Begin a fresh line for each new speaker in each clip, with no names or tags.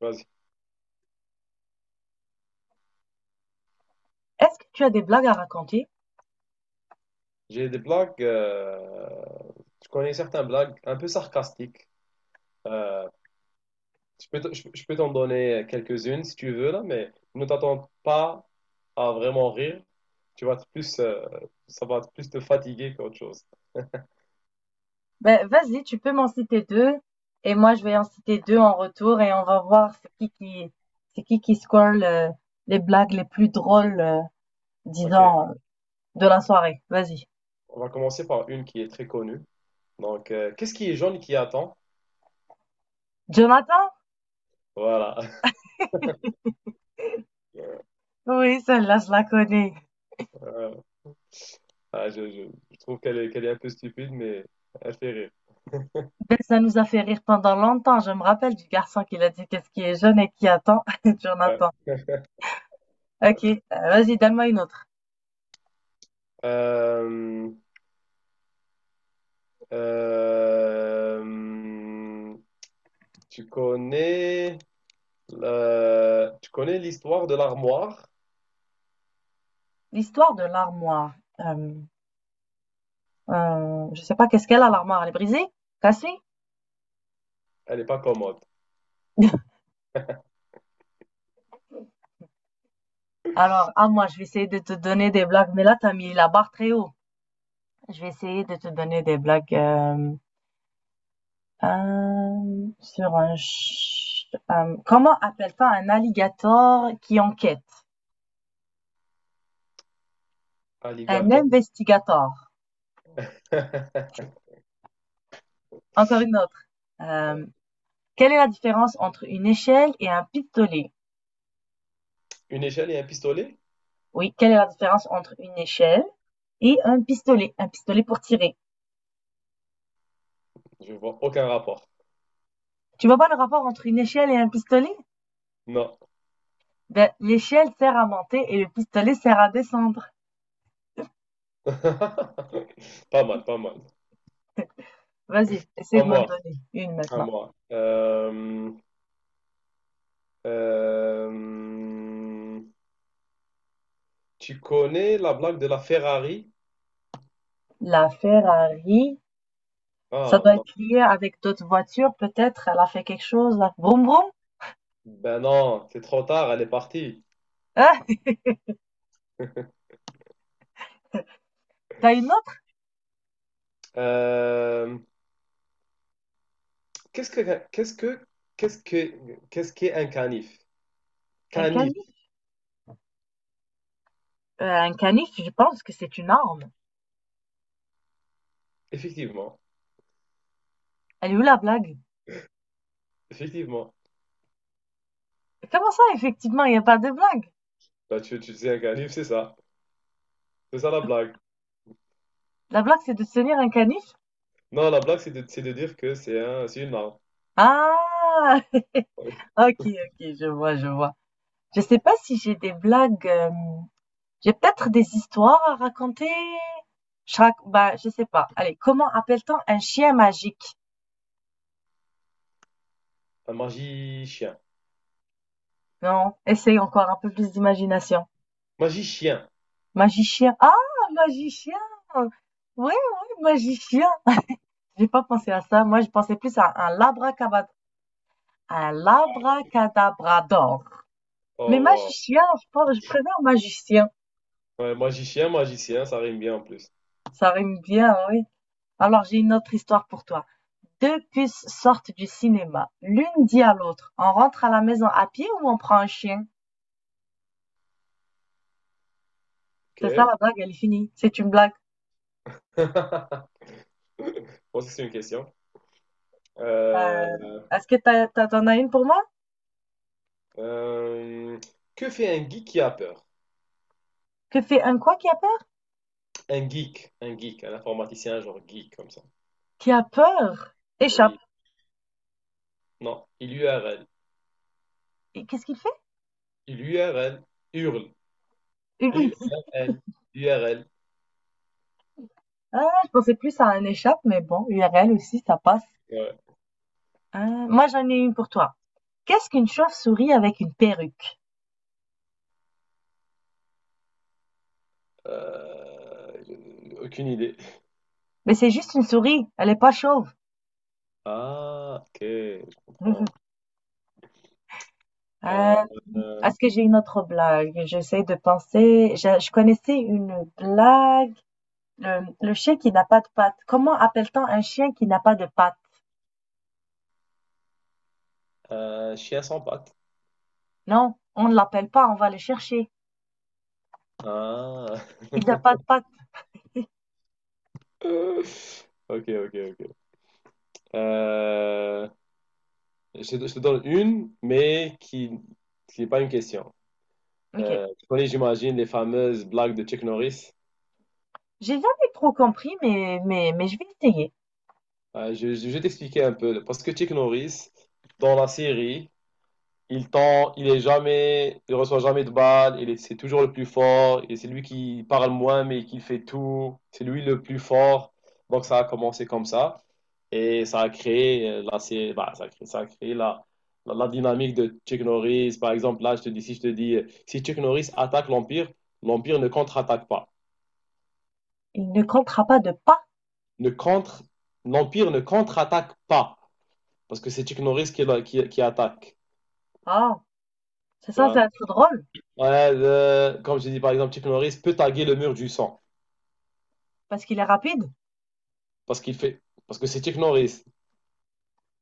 Vas-y.
Est-ce que tu as des blagues à raconter?
J'ai des blagues. Je connais certains blagues un peu sarcastiques. Euh, je peux, je peux t'en donner quelques-unes si tu veux, là, mais ne t'attends pas à vraiment rire. Tu vas te plus, ça va te plus te fatiguer qu'autre chose.
Ben, vas-y, tu peux m'en citer deux et moi je vais en citer deux en retour et on va voir c'est qui score les blagues les plus drôles,
Ok.
disons, de la soirée. Vas-y.
On va commencer par une qui est très connue. Donc, qu'est-ce qui est jaune et qui attend?
Jonathan?
Voilà.
Oui, celle-là, je la connais.
Euh, je trouve qu'elle est un peu stupide, mais elle fait rire.
Ben, ça nous a fait rire pendant longtemps. Je me rappelle du garçon qui l'a dit qu'est-ce qui est jeune et qui attend.
Ouais.
Jonathan. Ok, vas-y, donne-moi une autre.
Euh, Euh, tu connais tu connais l'histoire de l'armoire?
L'histoire de l'armoire. Euh, je sais pas qu'est-ce qu'elle a, l'armoire. Elle est brisée? Cassée?
Elle n'est pas commode.
Alors, à moi, je vais essayer de te donner des blagues, mais là, t'as mis la barre très haut. Je vais essayer de te donner des blagues sur comment appelle-t-on un alligator qui enquête? Un
Alligator.
investigator. Encore une autre. Euh,
Ouais.
Quelle est la différence entre une échelle et un pistolet?
Une échelle et un pistolet?
Oui, quelle est la différence entre une échelle et un pistolet? Un pistolet pour tirer.
Je vois aucun rapport.
Tu vois pas le rapport entre une échelle et un pistolet?
Non.
Ben, l'échelle sert à monter et le pistolet sert à descendre.
Pas mal, pas mal.
Vas-y, essaie
À
de m'en
moi,
donner une
à
maintenant.
moi. Euh, tu connais la blague de la Ferrari?
La Ferrari, ça
Ah
doit
non.
être lié avec d'autres voitures, peut-être. Elle a fait quelque chose là. Vroom vroom.
Ben non, c'est trop tard, elle est partie.
Ah, t'as une autre?
Euh, Qu'est-ce que qu'est-ce que qu'est-ce que qu'est-ce qu'est un canif?
Un
Canif,
canif. Un canif, je pense que c'est une arme.
effectivement,
Elle est où la blague?
effectivement.
Comment ça, effectivement, il n'y a pas de blague?
Bah tu sais un canif, c'est ça. C'est ça la blague.
La blague, c'est de se tenir un canif?
Non, la blague c'est de dire que c'est un c'est une arme.
Ah!
Ouais.
Ok, ok, je vois, je vois. Je sais pas si j'ai des blagues. J'ai peut-être des histoires à raconter. Bah, je sais pas. Allez, comment appelle-t-on un chien magique?
Un magicien.
Non, essaye encore un peu plus d'imagination.
Magicien.
Magicien. Ah, magicien. Oui, oui, magicien. J'ai pas pensé à ça. Moi, je pensais plus à un labracadabrador. Mais
Oh
magicien, je pense, je préfère magicien.
wow. Ouais, magicien, magicien, ça rime bien en plus.
Ça rime bien, oui. Alors, j'ai une autre histoire pour toi. Deux puces sortent du cinéma. L'une dit à l'autre, on rentre à la maison à pied ou on prend un chien? C'est ça
OK.
la blague, elle est finie. C'est une blague.
Bon, ça, c'est une question.
Euh,
Euh,
est-ce que t'en as une pour moi?
euh, que fait un geek qui a peur?
Que fait un quoi qui appelle?
Un geek, un geek, un informaticien genre geek comme ça.
Qui a peur? Échappe.
Oui. Non, il lui a
Et qu'est-ce qu'il fait?
L'URL, URL,
Une U. C I.
URL, URL.
Ah, je pensais plus à un échappe, mais bon, U R L aussi, ça passe.
Ouais.
Hein, moi, j'en ai une pour toi. Qu'est-ce qu'une chauve-souris avec une perruque?
J'ai aucune idée.
Mais c'est juste une souris, elle est pas chauve.
Ah, ok, je comprends.
Euh,
Euh, euh,
est-ce que j'ai une autre blague? J'essaie de penser. Je connaissais une blague. Le chien qui n'a pas de pattes. Comment appelle-t-on un chien qui n'a pas de pattes?
chien sans pattes.
Non, on ne l'appelle pas, on va le chercher.
Ah.
Il n'a pas de pattes.
Ok, ok, ok. Euh, te je te donne une, mais qui n'est pas une question.
Ok.
Tu connais, j'imagine, les fameuses blagues de Chuck Norris.
J'ai jamais trop compris, mais je vais essayer.
Je vais t'expliquer un peu. Parce que Chuck Norris, dans la série, il tend, il est jamais, il reçoit jamais de balles, c'est toujours le plus fort, et c'est lui qui parle moins, mais qui fait tout, c'est lui le plus fort. Donc ça a commencé comme ça, et ça a créé, bah, ça a créé la dynamique de Chuck Norris. Par exemple, là, je te dis, si je te dis, si Chuck Norris attaque l'Empire, l'Empire ne contre-attaque pas.
Il ne comptera pas de pas.
Ne contre, l'Empire ne contre-attaque pas, parce que c'est Chuck Norris qui attaque.
Ah, c'est
Tu
censé
vois.
être drôle
Ouais, comme je dis par exemple, Chuck Norris peut taguer le mur du sang.
parce qu'il est rapide,
Parce qu'il fait. Parce que c'est Chuck Norris.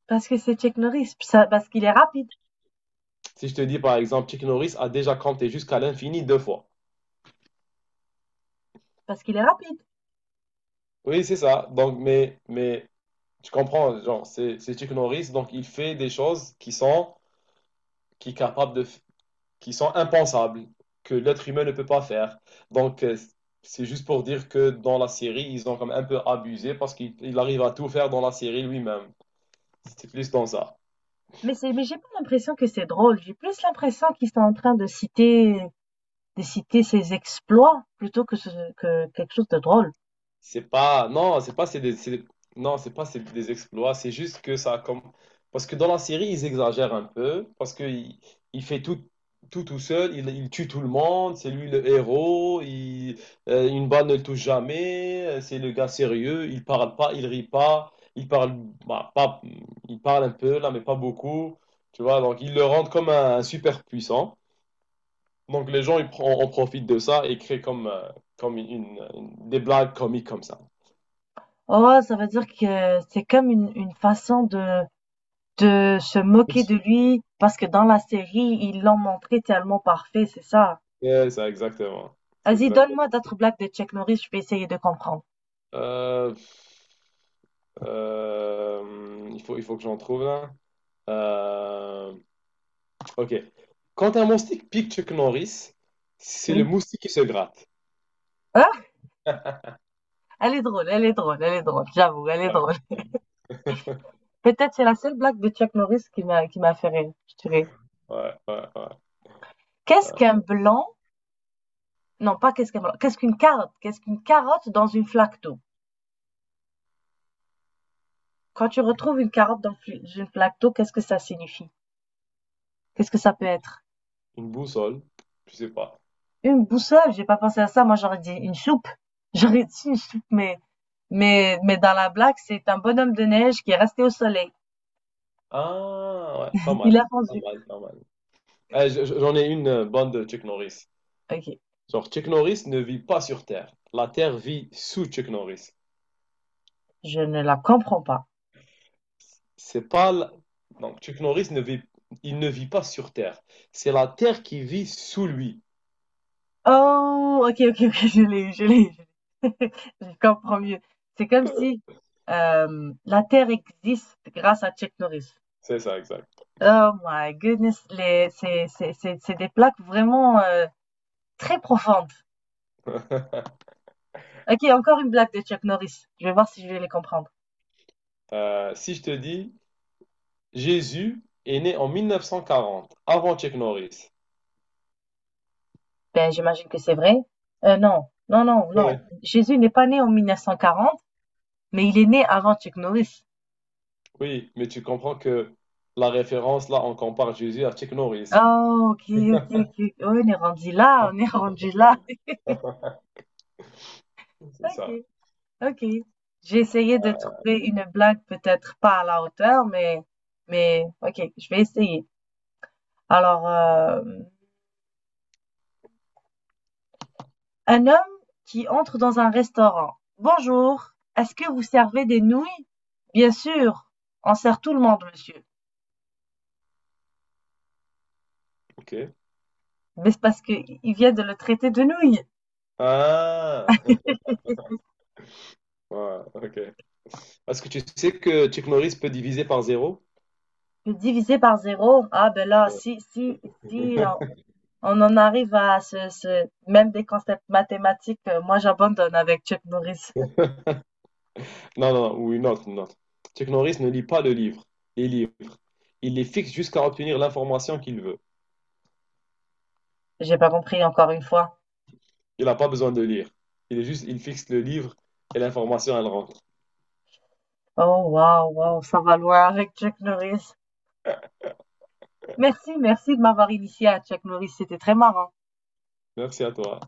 parce que c'est Chuck Norris, parce qu'il est rapide,
Si je te dis par exemple, Chuck Norris a déjà compté jusqu'à l'infini deux fois.
parce qu'il est rapide.
Oui, c'est ça. Donc, mais tu comprends, genre, c'est Chuck Norris, donc il fait des choses qui sont, qui est capable de, qui sont impensables, que l'être humain ne peut pas faire. Donc, c'est juste pour dire que dans la série, ils ont comme un peu abusé parce qu'il arrive à tout faire dans la série lui-même. C'est plus dans ça.
Mais c'est, mais j'ai pas l'impression que c'est drôle. J'ai plus l'impression qu'ils sont en train de citer ses exploits plutôt que que quelque chose de drôle.
C'est pas, non, c'est pas, c'est des exploits. C'est juste que ça, a comme, parce que dans la série, ils exagèrent un peu, parce que il fait tout, tout tout seul, il tue tout le monde, c'est lui le héros, une balle ne le touche jamais, c'est le gars sérieux, il parle pas, il rit pas, bah, pas, il parle un peu là, mais pas beaucoup, tu vois. Donc ils le rendent comme un super puissant. Donc les gens, en profitent de ça et créent comme, comme des blagues comiques comme ça.
Oh, ça veut dire que c'est comme une façon de se moquer de lui parce que dans la série, ils l'ont montré tellement parfait, c'est ça.
Yeah, ça, exactement. C'est
Vas-y, donne-moi
exactement.
d'autres blagues de Chuck Norris, je vais essayer de comprendre.
Euh, il faut que j'en trouve là. Euh, ok. Quand un moustique pique Chuck Norris, c'est le
Oui.
moustique qui se gratte.
Ah, elle est drôle, elle est drôle, elle est drôle, j'avoue, elle est
Ouais,
drôle. Peut-être c'est la seule blague de Chuck Norris qui m'a fait rire, je dirais.
ouais, ouais, ouais,
Qu'est-ce
ouais.
qu'un blanc? Non, pas qu'est-ce qu'un blanc. Qu'est-ce qu'une carotte? Qu'est-ce qu'une carotte dans une flaque d'eau? Quand tu retrouves une carotte dans une flaque d'eau, qu'est-ce que ça signifie? Qu'est-ce que ça peut être?
Une boussole, je sais pas.
Une boussole, j'ai pas pensé à ça, moi j'aurais dit une soupe. J'aurais dit une soupe, mais mais dans la blague, c'est un bonhomme de neige qui est resté au soleil.
Ah, ouais, pas mal,
Il a
pas
fondu.
mal, pas mal. Eh, j'en ai une bonne de Chuck Norris.
OK,
Genre, Chuck Norris ne vit pas sur Terre. La Terre vit sous Chuck Norris.
je ne la comprends pas.
C'est pas la- donc Chuck Norris ne vit il ne vit pas sur Terre. C'est la Terre qui vit sous lui.
Oh! OK, OK, OK, je l'ai eu. Je comprends mieux. C'est comme si, la Terre existe grâce à Chuck Norris.
C'est ça, exact.
Oh my goodness, les, c'est des plaques vraiment, très profondes. OK, encore une blague de Chuck Norris. Je vais voir si je vais les comprendre.
Si je te dis Jésus est né en 1940, avant Chuck Norris.
Ben, j'imagine que c'est vrai. Non, non, non, non.
Ouais.
Jésus n'est pas né en 1940. Mais il est né avant Chuck Norris.
Oui, mais tu comprends que la référence là, on compare Jésus à Chuck Norris.
Oh, OK. Ouais, on est rendu là, on est rendu là.
C'est ça.
OK, OK. J'ai essayé de
Ah,
trouver une blague peut-être pas à la hauteur, mais OK, je vais essayer. Alors, un homme qui entre dans un restaurant. Bonjour, est-ce que vous servez des nouilles? Bien sûr, on sert tout le monde, monsieur.
ok.
Mais c'est parce que il vient de le traiter de nouilles.
Ah. Ouais, ok. Ce que tu sais que Chuck Norris peut diviser par zéro?
Le diviser par zéro, ah ben là, si, on en arrive à même des concepts mathématiques, moi j'abandonne avec Chuck Norris.
Non, non, non, ou une autre, une autre. Chuck Norris ne lit pas le livre, les livres. Il les fixe jusqu'à obtenir l'information qu'il veut.
J'ai pas compris encore une fois.
Il n'a pas besoin de lire. Il est juste, il fixe le livre et l'information, elle rentre.
Oh waouh, waouh, ça va loin avec Chuck Norris. Merci, merci de m'avoir initié à Chuck Norris, c'était très marrant.
Merci à toi.